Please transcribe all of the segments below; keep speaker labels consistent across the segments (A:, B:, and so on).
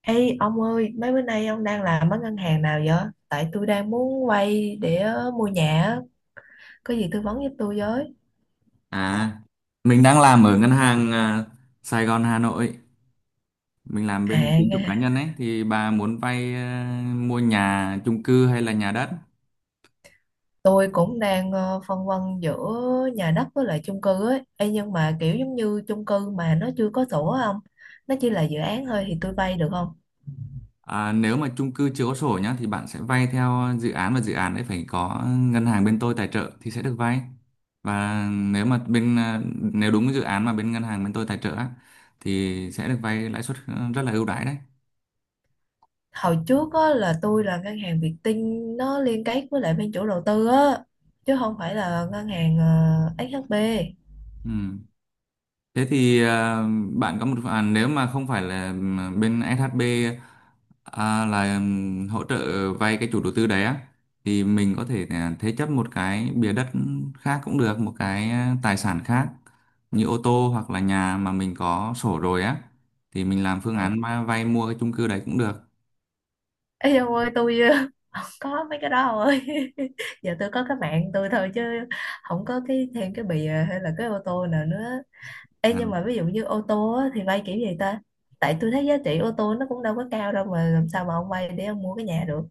A: Ê ông ơi, mấy bữa nay ông đang làm ở ngân hàng nào vậy? Tại tôi đang muốn vay để mua nhà, á. Có gì tư vấn giúp tôi với.
B: À, mình đang làm ở ngân hàng Sài Gòn Hà Nội. Mình làm
A: À,
B: bên tín dụng
A: nghe.
B: cá nhân ấy thì bà muốn vay, mua nhà, chung cư hay là nhà đất.
A: Tôi cũng đang phân vân giữa nhà đất với lại chung cư ấy. Ê, nhưng mà kiểu giống như chung cư mà nó chưa có sổ á, không? Nó chỉ là dự án thôi thì tôi vay được không?
B: À, nếu mà chung cư chưa có sổ nhá thì bạn sẽ vay theo dự án, và dự án ấy phải có ngân hàng bên tôi tài trợ thì sẽ được vay. Và nếu mà nếu đúng dự án mà bên ngân hàng bên tôi tài trợ á, thì sẽ được vay lãi suất rất là ưu đãi đấy.
A: Hồi trước á, là tôi là ngân hàng Vietinbank nó liên kết với lại bên chủ đầu tư á, chứ không phải là ngân hàng SHB.
B: Ừ. Thế thì, bạn có một, nếu mà không phải là bên SHB, là hỗ trợ vay cái chủ đầu tư đấy á, thì mình có thể thế chấp một cái bìa đất khác cũng được, một cái tài sản khác như ô tô hoặc là nhà mà mình có sổ rồi á, thì mình làm phương
A: Ừ.
B: án vay mua cái chung cư đấy cũng được.
A: Ê ông ơi, tôi có mấy cái đó không ơi giờ tôi có cái mạng tôi thôi chứ không có cái thêm cái bìa hay là cái ô tô nào nữa. Ê,
B: À.
A: nhưng mà ví dụ như ô tô á, thì vay kiểu gì ta? Tại tôi thấy giá trị ô tô nó cũng đâu có cao đâu mà làm sao mà ông vay để ông mua cái nhà được.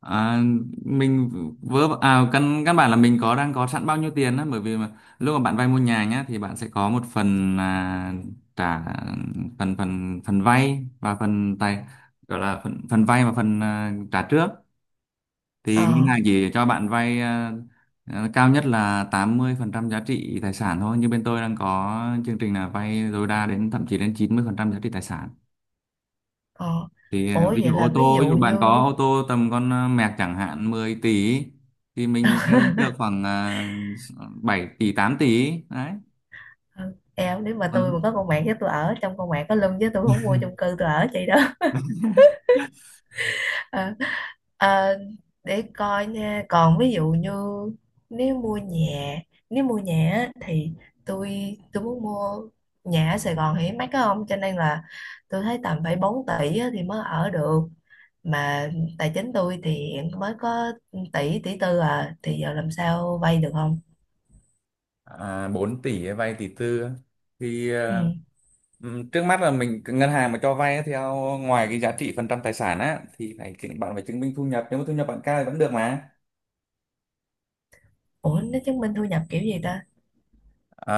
B: À, mình căn căn bản là mình có đang có sẵn bao nhiêu tiền đó, bởi vì mà lúc mà bạn vay mua nhà nhá thì bạn sẽ có một phần là trả phần phần phần vay, và phần tài gọi là phần phần vay và phần, trả trước. Thì ngân
A: Ờ.
B: hàng chỉ cho bạn vay, cao nhất là 80% giá trị tài sản thôi, như bên tôi đang có chương trình là vay tối đa đến, thậm chí đến 90% giá trị tài sản.
A: Ờ.
B: Thì
A: Ủa
B: ví
A: vậy
B: dụ ô
A: là ví
B: tô, ví
A: dụ
B: dụ
A: như
B: bạn có ô tô tầm con Merc chẳng hạn 10 tỷ ý, thì mình vay được khoảng 7 tỷ, 8 tỷ ý. Đấy.
A: ờ, eo nếu mà tôi
B: Ừ.
A: mà có con mạng với tôi ở trong con mạng có lưng với tôi không mua chung cư tôi ở chị đó. Ờ. Ờ. Để coi nha, còn ví dụ như nếu mua nhà nếu mua nhà á, thì tôi muốn mua nhà ở Sài Gòn thì mắc á, không, cho nên là tôi thấy tầm phải 4 tỷ á thì mới ở được, mà tài chính tôi thì hiện mới có tỷ tỷ tư à, thì giờ làm sao vay được không.
B: À, 4 tỷ ấy, vay tỷ tư á. Thì
A: Ừ.
B: trước mắt là mình, ngân hàng mà cho vay á, theo ngoài cái giá trị phần trăm tài sản á thì phải bạn phải chứng minh thu nhập, nếu mà thu nhập bạn cao thì vẫn được mà.
A: Ủa nó chứng minh thu nhập kiểu gì ta?
B: À,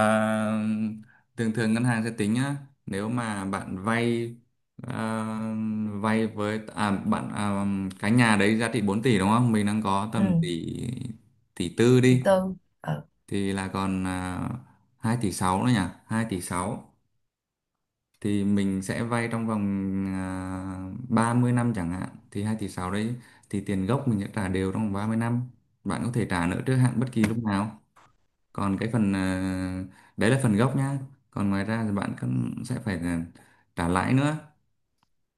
B: thường thường ngân hàng sẽ tính á, nếu mà bạn à, vay với, bạn, cái nhà đấy giá trị 4 tỷ đúng không, mình đang có
A: Ừ.
B: tầm tỷ tỷ tư
A: Tỷ
B: đi,
A: tư. Ờ.
B: thì là còn 2 tỷ 6 nữa nhỉ. 2,6 tỷ thì mình sẽ vay trong vòng 30 năm chẳng hạn, thì 2,6 tỷ đấy thì tiền gốc mình sẽ trả đều trong vòng 30 năm. Bạn có thể trả nợ trước hạn bất kỳ lúc nào. Còn cái phần, đấy là phần gốc nhá. Còn ngoài ra thì bạn cũng sẽ phải là trả lãi nữa.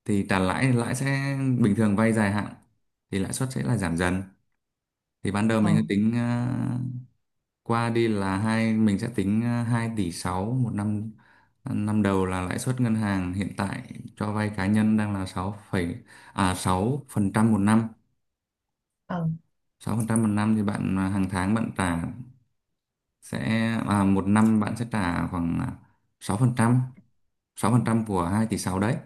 B: Thì trả lãi thì lãi sẽ, bình thường vay dài hạn thì lãi suất sẽ là giảm dần. Thì ban đầu mình
A: Ờ.
B: cứ tính, à, qua đi là hai mình sẽ tính 2 tỷ 6 một năm. Năm đầu là lãi suất ngân hàng hiện tại cho vay cá nhân đang là 6 phẩy- à 6% một năm.
A: Ờ.
B: 6% một năm thì bạn, hàng tháng bạn trả sẽ, một năm bạn sẽ trả khoảng 6%, sáu
A: Ừ.
B: phần trăm của 2,6 tỷ đấy.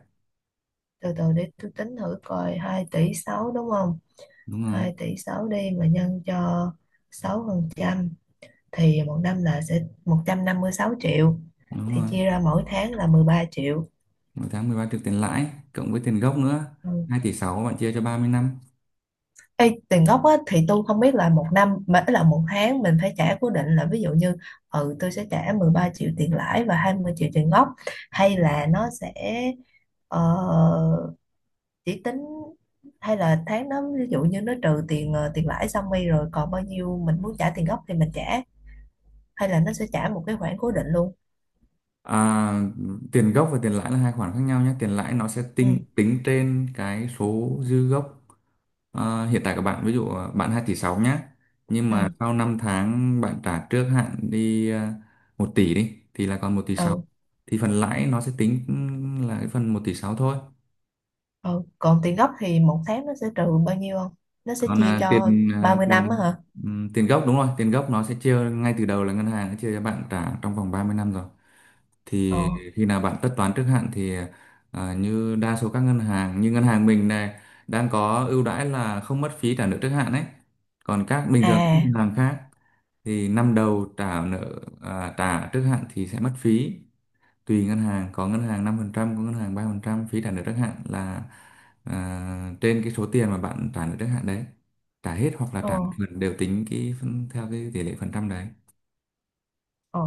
A: Từ từ để tôi tính thử coi 2,6 tỷ đúng không.
B: Đúng rồi.
A: Hai tỷ 6 đi mà nhân cho 6% thì một năm là sẽ 156 triệu,
B: Đúng
A: thì
B: rồi.
A: chia ra mỗi tháng là 13 triệu.
B: Mỗi tháng 13 triệu tiền lãi, cộng với tiền gốc nữa.
A: Ừ.
B: 2,6 tỷ bạn chia cho 30 năm.
A: Ê, tiền gốc á, thì tôi không biết là một năm mà là một tháng mình phải trả cố định là ví dụ như ừ tôi sẽ trả 13 triệu tiền lãi và 20 triệu tiền gốc, hay là nó sẽ ờ, chỉ tính, hay là tháng đó ví dụ như nó trừ tiền tiền lãi xong đi rồi còn bao nhiêu mình muốn trả tiền gốc thì mình trả, hay là nó sẽ trả một cái khoản cố định luôn.
B: À, tiền gốc và tiền lãi là hai khoản khác nhau nhé. Tiền lãi nó sẽ
A: Ừ.
B: tính tính trên cái số dư gốc. À, hiện tại các bạn ví dụ, bạn 2,6 tỷ nhé. Nhưng
A: Ừ.
B: mà sau 5 tháng bạn trả trước hạn đi, 1 tỷ đi, thì là còn 1,6 tỷ.
A: Ừ.
B: Thì phần lãi nó sẽ tính là cái phần 1,6 tỷ thôi.
A: Ừ còn tiền gốc thì một tháng nó sẽ trừ bao nhiêu không, nó sẽ
B: Còn
A: chia cho ba
B: à,
A: mươi năm á
B: tiền
A: hả?
B: tiền gốc, đúng rồi, tiền gốc nó sẽ chia ngay từ đầu, là ngân hàng nó chia cho bạn trả trong vòng 30 năm rồi.
A: Ờ.
B: Thì khi nào bạn tất toán trước hạn thì, như đa số các ngân hàng, như ngân hàng mình này, đang có ưu đãi là không mất phí trả nợ trước hạn đấy. Còn các, bình thường các
A: À.
B: ngân hàng khác, thì năm đầu trả trước hạn thì sẽ mất phí. Tùy ngân hàng: có ngân hàng 5%, có ngân hàng 3% phí trả nợ trước hạn, là trên cái số tiền mà bạn trả nợ trước hạn đấy. Trả hết hoặc là
A: Ờ.
B: trả một phần đều tính theo cái tỷ lệ phần trăm đấy.
A: Ờ.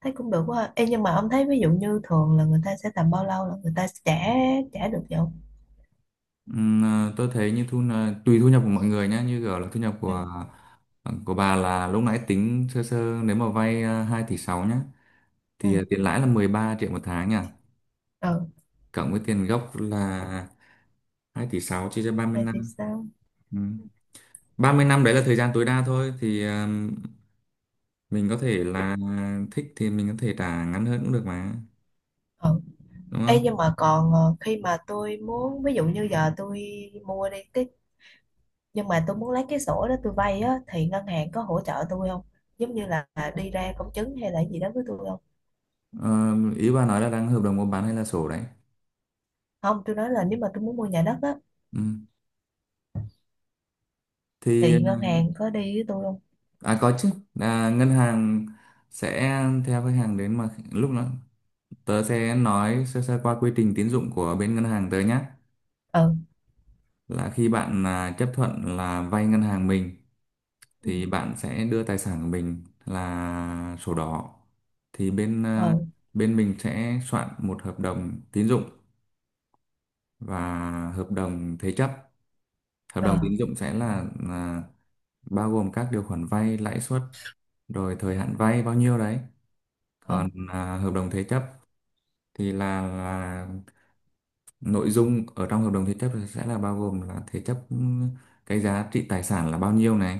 A: Thấy cũng được quá. Ê, nhưng mà ông thấy ví dụ như thường là người ta sẽ tầm bao lâu là người ta sẽ trả, trả được vậy không?
B: Tôi thấy, như tùy thu nhập của mọi người nhé, như kiểu là thu nhập
A: Ừ.
B: của, của bà, là lúc nãy tính sơ sơ nếu mà vay 2 tỷ 6 nhá,
A: Ừ.
B: thì tiền lãi là 13 triệu một tháng nhỉ,
A: Ừ.
B: cộng với tiền gốc là 2,6 tỷ chia cho 30
A: Vậy thì
B: năm.
A: sao?
B: Ừ. 30 năm đấy là thời gian tối đa thôi, thì mình có thể là, thích thì mình có thể trả ngắn hơn cũng được mà,
A: Ừ.
B: đúng
A: Ê,
B: không.
A: nhưng mà còn khi mà tôi muốn ví dụ như giờ tôi mua đi cái nhưng mà tôi muốn lấy cái sổ đó tôi vay á thì ngân hàng có hỗ trợ tôi không, giống như là đi ra công chứng hay là gì đó với tôi không?
B: Ờ, ý bà nói là đang hợp đồng mua bán hay là sổ đấy.
A: Không, tôi nói là nếu mà tôi muốn mua nhà đất á
B: Ừ. Thì
A: thì ngân hàng có đi với tôi không?
B: có chứ. À, ngân hàng sẽ theo khách hàng đến, mà lúc đó tớ sẽ nói sơ sơ qua quy trình tín dụng của bên ngân hàng tớ nhé:
A: Ừ.
B: là khi bạn là chấp thuận là vay ngân hàng mình
A: Ừ.
B: thì bạn sẽ đưa tài sản của mình là sổ đỏ. Thì
A: Ừ.
B: bên mình sẽ soạn một hợp đồng tín dụng và hợp đồng thế chấp. Hợp
A: Ờ.
B: đồng tín dụng sẽ là bao gồm các điều khoản vay lãi suất, rồi thời hạn vay bao nhiêu đấy.
A: Ờ.
B: Còn hợp đồng thế chấp thì là nội dung ở trong hợp đồng thế chấp sẽ là bao gồm là thế chấp, cái giá trị tài sản là bao nhiêu này,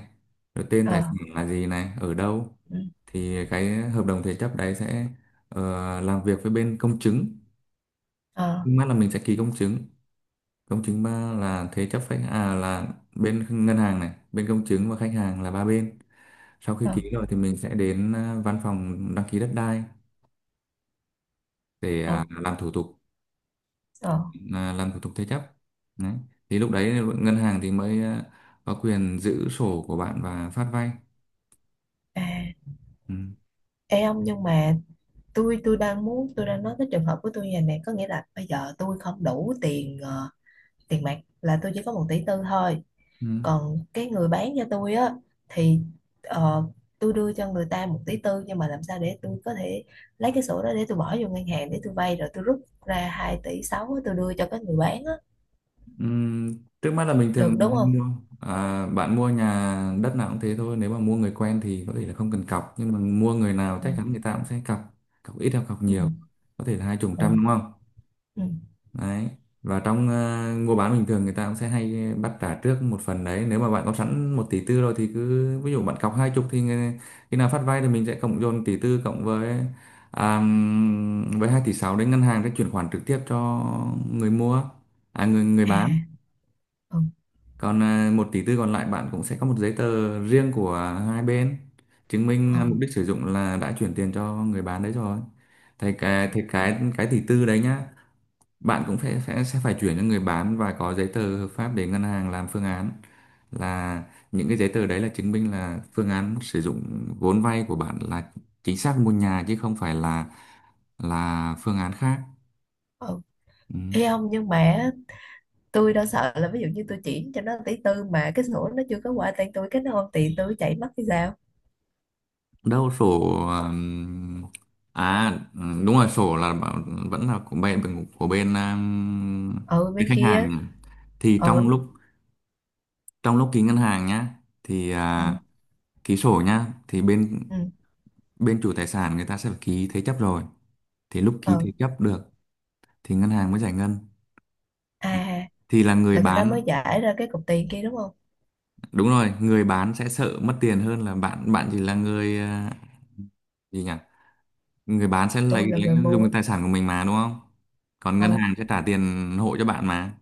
B: rồi tên tài
A: Ờ.
B: sản là gì này, ở đâu.
A: Ừ.
B: Thì cái hợp đồng thế chấp đấy sẽ làm việc với bên công chứng.
A: Ờ.
B: Nhưng là mình sẽ ký công chứng, công chứng ba là thế chấp, khách à là bên ngân hàng này, bên công chứng và khách hàng là ba bên. Sau khi
A: Ờ.
B: ký rồi thì mình sẽ đến văn phòng đăng ký đất đai, để
A: Ờ. Ờ.
B: làm thủ tục thế chấp đấy. Thì lúc đấy ngân hàng thì mới có quyền giữ sổ của bạn và phát vay.
A: À.
B: Ừ.
A: Ê ông nhưng mà tôi đang nói cái trường hợp của tôi như này nè, có nghĩa là bây giờ tôi không đủ tiền tiền mặt là tôi chỉ có 1,4 tỷ thôi,
B: Ừ.
A: còn cái người bán cho tôi á thì ờ, tôi đưa cho người ta 1,4 tỷ nhưng mà làm sao để tôi có thể lấy cái sổ đó để tôi bỏ vô ngân hàng để tôi vay rồi tôi rút ra 2,6 tỷ á, tôi đưa cho cái người bán á,
B: Ừ. Trước mắt là bình
A: được
B: thường mình
A: đúng
B: hay
A: không?
B: mua, bạn mua nhà đất nào cũng thế thôi, nếu mà mua người quen thì có thể là không cần cọc, nhưng mà mua người nào
A: Ừ.
B: chắc chắn người ta cũng sẽ cọc, cọc ít hoặc cọc
A: Ừ.
B: nhiều, có thể là hai chục
A: Ừ.
B: trăm đúng không.
A: Ừ.
B: Đấy. Và trong mua bán bình thường, người ta cũng sẽ hay bắt trả trước một phần đấy. Nếu mà bạn có sẵn 1,4 tỷ rồi thì cứ ví dụ bạn cọc hai chục thì khi nào phát vay thì mình sẽ cộng dồn tỷ tư cộng với, à, với 2,6 tỷ, đến ngân hàng sẽ chuyển khoản trực tiếp cho người mua người người
A: À.
B: bán.
A: Ừ.
B: Còn 1,4 tỷ còn lại, bạn cũng sẽ có một giấy tờ riêng của hai bên chứng
A: Ừ.
B: minh mục đích sử dụng là đã chuyển tiền cho người bán đấy rồi. Thì cái tỷ tư đấy nhá, bạn cũng phải sẽ phải chuyển cho người bán và có giấy tờ hợp pháp để ngân hàng làm phương án, là những cái giấy tờ đấy là chứng minh là phương án sử dụng vốn vay của bạn là chính xác mua nhà, chứ không phải là phương án khác.
A: Ừ.
B: Ừ.
A: Ê ông nhưng mà á, tôi đã sợ là ví dụ như tôi chuyển cho nó tỷ tư mà cái sổ nó chưa có qua tên tôi cái nó không tiền tôi chạy mất thì sao?
B: Đâu sổ. ừm, ừ, đúng rồi, sổ là vẫn là của bên
A: Ừ
B: bên
A: bên
B: khách hàng
A: kia.
B: nhỉ? thì trong
A: Ừ.
B: lúc trong lúc ký ngân hàng nhá, thì
A: Ừ.
B: à, ký sổ nhá, thì bên
A: Ừ.
B: bên chủ tài sản người ta sẽ phải ký thế chấp rồi. Thì lúc ký
A: Ừ.
B: thế chấp được thì ngân hàng mới giải ngân. À,
A: À
B: thì là người
A: là người ta
B: bán,
A: mới giải ra cái cục tiền kia đúng không?
B: đúng rồi, người bán sẽ sợ mất tiền hơn là bạn bạn chỉ là người, à, gì nhỉ người bán sẽ lấy,
A: Tôi là
B: lấy
A: người
B: dùng
A: mua.
B: cái tài sản của mình mà, đúng không? Còn ngân
A: Ừ.
B: hàng sẽ trả tiền hộ cho bạn mà,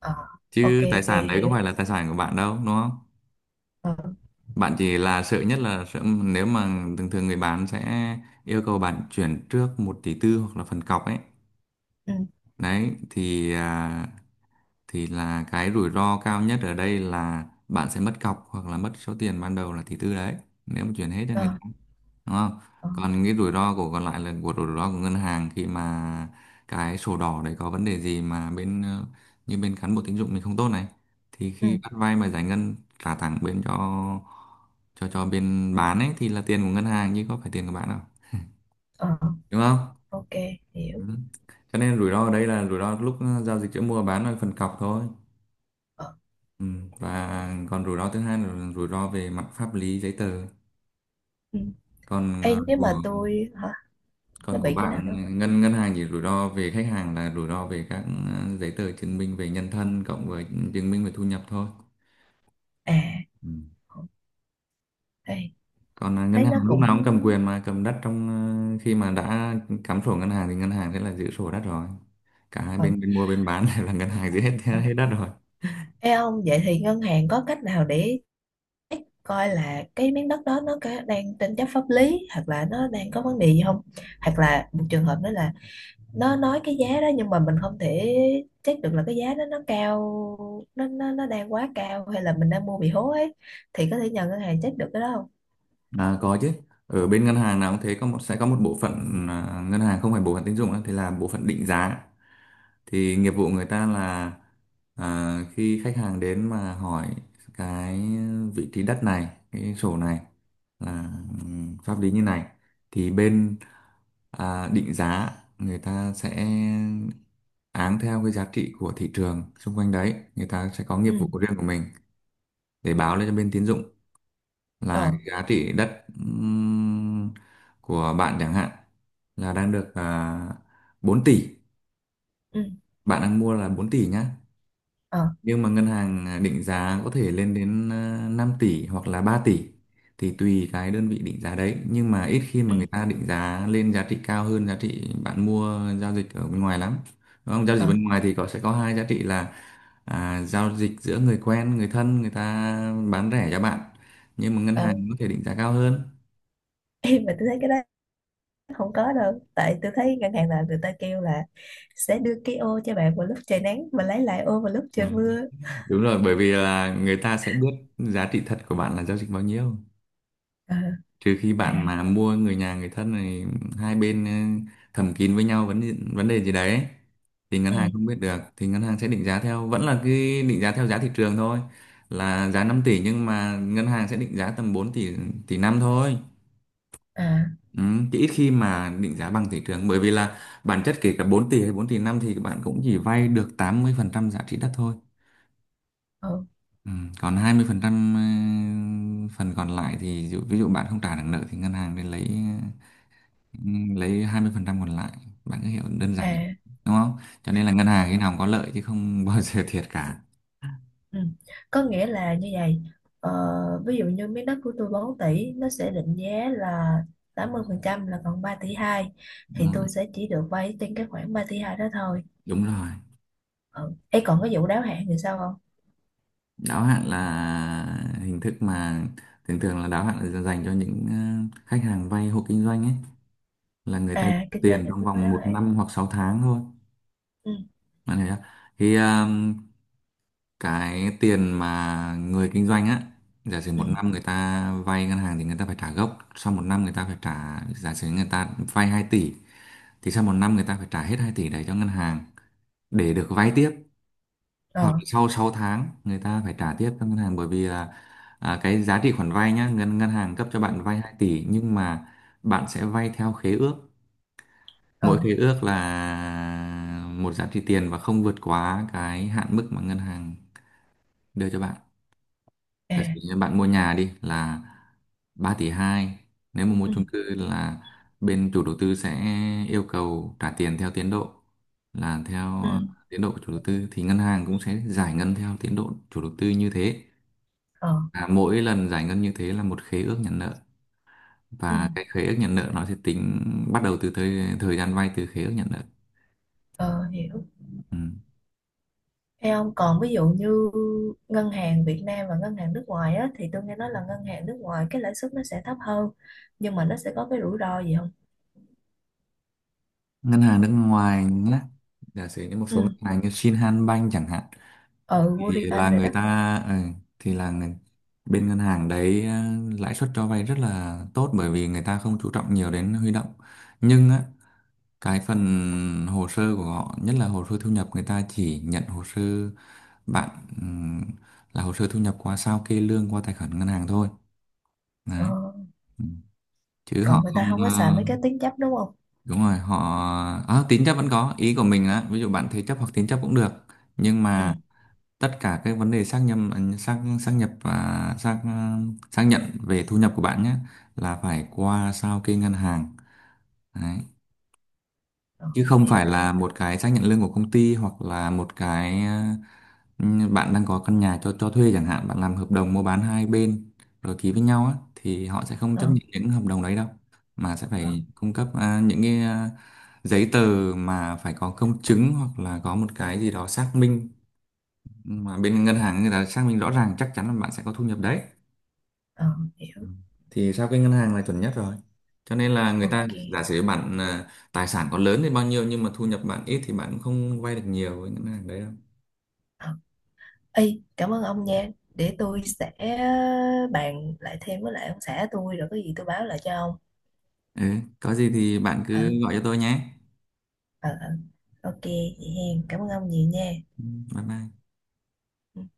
A: Ờ. Ok,
B: chứ tài
A: ok,
B: sản đấy có
A: hiểu.
B: phải là tài sản của bạn đâu, đúng không?
A: Ờ.
B: Bạn chỉ là sợ nhất là sợ nếu mà thường thường người bán sẽ yêu cầu bạn chuyển trước 1,4 tỷ hoặc là phần cọc ấy.
A: Ừ.
B: Đấy, thì là cái rủi ro cao nhất ở đây là bạn sẽ mất cọc hoặc là mất số tiền ban đầu là 1,4 tỷ đấy, nếu mà chuyển hết cho
A: Ờ.
B: người ta, đúng không?
A: Ờ.
B: Còn cái rủi ro của còn lại là của rủi ro của ngân hàng khi mà cái sổ đỏ đấy có vấn đề gì, mà bên như bên cán bộ tín dụng mình không tốt này, thì
A: Ừ.
B: khi bắt vay mà giải ngân trả thẳng bên cho bên bán ấy thì là tiền của ngân hàng chứ có phải tiền của bạn đâu,
A: Ờ.
B: đúng không?
A: Ok
B: Ừ.
A: hiểu.
B: Cho nên rủi ro ở đây là rủi ro lúc giao dịch giữa mua và bán là phần cọc thôi.
A: Ờ.
B: Ừ. Và còn rủi ro thứ hai là rủi ro về mặt pháp lý giấy tờ.
A: Ừ.
B: Còn
A: Ê,
B: ờ,
A: nếu
B: của
A: mà tôi hả? Nó
B: còn của
A: bị cái nào
B: bạn,
A: đó.
B: ngân ngân hàng chỉ rủi ro về khách hàng là rủi ro về các giấy tờ chứng minh về nhân thân cộng với chứng minh về thu nhập thôi.
A: À.
B: Ừ.
A: Ừ. Ê,
B: Ngân
A: thấy
B: hàng
A: nó
B: lúc
A: cũng...
B: nào cũng cầm quyền mà cầm đất, khi mà đã cắm sổ ngân hàng thì ngân hàng sẽ là giữ sổ đất rồi. Cả hai
A: Ừ.
B: bên, bên mua bên bán đều là ngân hàng giữ hết
A: Ừ.
B: hết đất rồi.
A: Ê ông vậy thì ngân hàng có cách nào để check coi là cái miếng đất đó nó có đang tranh chấp pháp lý hoặc là nó đang có vấn đề gì không, hoặc là một trường hợp nữa là nó nói cái giá đó nhưng mà mình không thể check được là cái giá đó nó cao nó đang quá cao hay là mình đang mua bị hố ấy, thì có thể nhờ ngân hàng check được cái đó không?
B: À, có chứ. Ở bên ngân hàng nào cũng thế, sẽ có một bộ phận, ngân hàng không phải bộ phận tín dụng đó, thì là bộ phận định giá. Thì nghiệp vụ người ta là, khi khách hàng đến mà hỏi cái vị trí đất này, cái sổ này là, pháp lý như này, thì bên định giá người ta sẽ áng theo cái giá trị của thị trường xung quanh đấy, người ta sẽ có nghiệp
A: Ừ.
B: vụ riêng của mình để báo lên cho bên tín dụng là
A: Ờ.
B: cái giá trị đất, của bạn chẳng hạn là đang được 4 tỷ,
A: Ừ.
B: bạn đang mua là 4 tỷ nhá,
A: Ờ.
B: nhưng mà ngân hàng định giá có thể lên đến 5 tỷ hoặc là 3 tỷ, thì tùy cái đơn vị định giá đấy, nhưng mà ít khi
A: Ừ.
B: mà người ta định giá lên giá trị cao hơn giá trị bạn mua giao dịch ở bên ngoài lắm, đúng không? Giao dịch
A: Ờ.
B: bên ngoài thì có sẽ có hai giá trị là, giao dịch giữa người quen người thân, người ta bán rẻ cho bạn, nhưng mà ngân
A: Ờ.
B: hàng có thể định giá cao hơn.
A: Em mà tôi thấy cái đó không có đâu, tại tôi thấy ngân hàng là người ta kêu là sẽ đưa cái ô cho bạn vào lúc trời nắng và lấy lại ô vào lúc
B: Ừ.
A: trời mưa.
B: Đúng rồi, bởi vì là người ta sẽ biết giá trị thật của bạn là giao dịch bao nhiêu.
A: Ờ.
B: Trừ khi
A: À.
B: bạn mà mua người nhà người thân này, hai bên thầm kín với nhau vấn vấn đề gì đấy, thì ngân
A: Ừ.
B: hàng không biết được thì ngân hàng sẽ định giá theo vẫn là cái định giá theo giá thị trường thôi, là giá 5 tỷ nhưng mà ngân hàng sẽ định giá tầm 4 tỷ tỷ năm thôi.
A: À.
B: Ừ, chứ ít khi mà định giá bằng thị trường, bởi vì là bản chất kể cả 4 tỷ hay 4,5 tỷ thì bạn cũng chỉ vay được 80% giá trị đất thôi.
A: Ừ.
B: Ừ, còn 20% phần còn lại thì, ví dụ bạn không trả được nợ thì ngân hàng nên lấy, ờ, lấy 20% còn lại, bạn cứ hiểu đơn giản như,
A: À.
B: đúng không? Cho nên là ngân hàng khi nào cũng có lợi chứ không bao giờ thiệt cả.
A: Ừ. Có nghĩa là như vậy, ờ, ví dụ như miếng đất của tôi 4 tỷ nó sẽ định giá là 80% là còn 3,2 tỷ,
B: Đúng
A: thì
B: rồi,
A: tôi sẽ chỉ được vay trên cái khoản 3,2 tỷ đó thôi.
B: đúng rồi.
A: Ừ. Ê, còn cái vụ đáo hạn thì sao không?
B: Đáo hạn là hình thức mà thường thường là đáo hạn là dành cho những, khách hàng vay hộ kinh doanh ấy, là người ta
A: À kinh doanh
B: tiền
A: thì
B: trong
A: mới có
B: vòng
A: đáo
B: một
A: hạn.
B: năm hoặc 6 tháng thôi,
A: Ừ.
B: bạn hiểu chưa? thì ờ, cái tiền mà người kinh doanh á, giả sử
A: Ừ.
B: 1 năm người ta vay ngân hàng thì người ta phải trả gốc, sau 1 năm người ta phải trả, giả sử người ta vay 2 tỷ thì sau 1 năm người ta phải trả hết 2 tỷ đấy cho ngân hàng để được vay tiếp, hoặc
A: Ờ.
B: là sau 6 tháng người ta phải trả tiếp cho ngân hàng, bởi vì là, cái giá trị khoản vay nhá, ngân ngân hàng cấp cho
A: Ừ.
B: bạn vay 2 tỷ nhưng mà bạn sẽ vay theo khế ước,
A: Ờ.
B: mỗi khế ước là một giá trị tiền và không vượt quá cái hạn mức mà ngân hàng đưa cho bạn. Giả sử
A: À.
B: như bạn mua nhà đi là 3,2 tỷ, nếu mà mua
A: Ừ.
B: chung cư là bên chủ đầu tư sẽ yêu cầu trả tiền theo tiến độ, là theo
A: Ừ.
B: tiến độ của chủ đầu tư, thì ngân hàng cũng sẽ giải ngân theo tiến độ chủ đầu tư như thế,
A: Ờ.
B: mỗi lần giải ngân như thế là một khế ước nhận nợ,
A: Ừ.
B: và cái khế ước nhận nợ nó sẽ tính bắt đầu từ thời gian vay từ khế ước nhận nợ.
A: Ờ hiểu.
B: Ừ.
A: Ê ông còn ví dụ như ngân hàng Việt Nam và ngân hàng nước ngoài á, thì tôi nghe nói là ngân hàng nước ngoài cái lãi suất nó sẽ thấp hơn, nhưng mà nó sẽ có cái rủi ro gì?
B: Ngân hàng nước ngoài nhé, giả sử như một số ngân
A: Ừ.
B: hàng như Shinhan Bank chẳng hạn,
A: Ừ
B: thì là
A: Woriban rồi
B: người
A: đó.
B: ta, thì là người, bên ngân hàng đấy, lãi suất cho vay rất là tốt bởi vì người ta không chú trọng nhiều đến huy động. Nhưng á, cái phần hồ sơ của họ nhất là hồ sơ thu nhập, người ta chỉ nhận hồ sơ bạn, ừm, là hồ sơ thu nhập qua sao kê lương qua tài khoản ngân hàng thôi, đấy.
A: Ờ.
B: Ừ. Chứ họ
A: Còn người
B: không,
A: ta không có xài mấy cái tiếng chấp đúng không?
B: đúng rồi, họ, tín chấp vẫn có, ý của mình là ví dụ bạn thế chấp hoặc tín chấp cũng được. Nhưng
A: Ừ.
B: mà tất cả cái vấn đề xác nhận, xác xác nhập và xác xác nhận về thu nhập của bạn nhé, là phải qua sao kê ngân hàng. Đấy,
A: Ờ,
B: chứ không
A: hiểu
B: phải
A: hiểu.
B: là một cái xác nhận lương của công ty hoặc là một cái, bạn đang có căn nhà cho thuê chẳng hạn, bạn làm hợp đồng mua bán hai bên rồi ký với nhau á thì họ sẽ không
A: Ờ.
B: chấp nhận những hợp đồng đấy đâu, mà sẽ
A: Ờ.
B: phải cung cấp, những cái, giấy tờ mà phải có công chứng hoặc là có một cái gì đó xác minh, mà bên ngân hàng người ta xác minh rõ ràng chắc chắn là bạn sẽ có thu nhập đấy.
A: Ờ
B: Ừ.
A: hiểu.
B: Thì sao cái ngân hàng là chuẩn nhất rồi, cho nên là người ta
A: Ok.
B: giả sử bạn, tài sản có lớn thì bao nhiêu nhưng mà thu nhập bạn ít thì bạn cũng không vay được nhiều với ngân hàng đấy đâu.
A: Ờ. Ê, cảm ơn ông nha, để tôi sẽ bàn lại thêm với lại ông xã tôi rồi có gì tôi báo lại cho ông.
B: Ừ, có gì thì bạn
A: Ờ.
B: cứ gọi cho tôi nhé.
A: Ờ. Ờ. Ok vậy hen, cảm ơn ông nhiều nha.
B: Ừ, bye bye.
A: Ừ.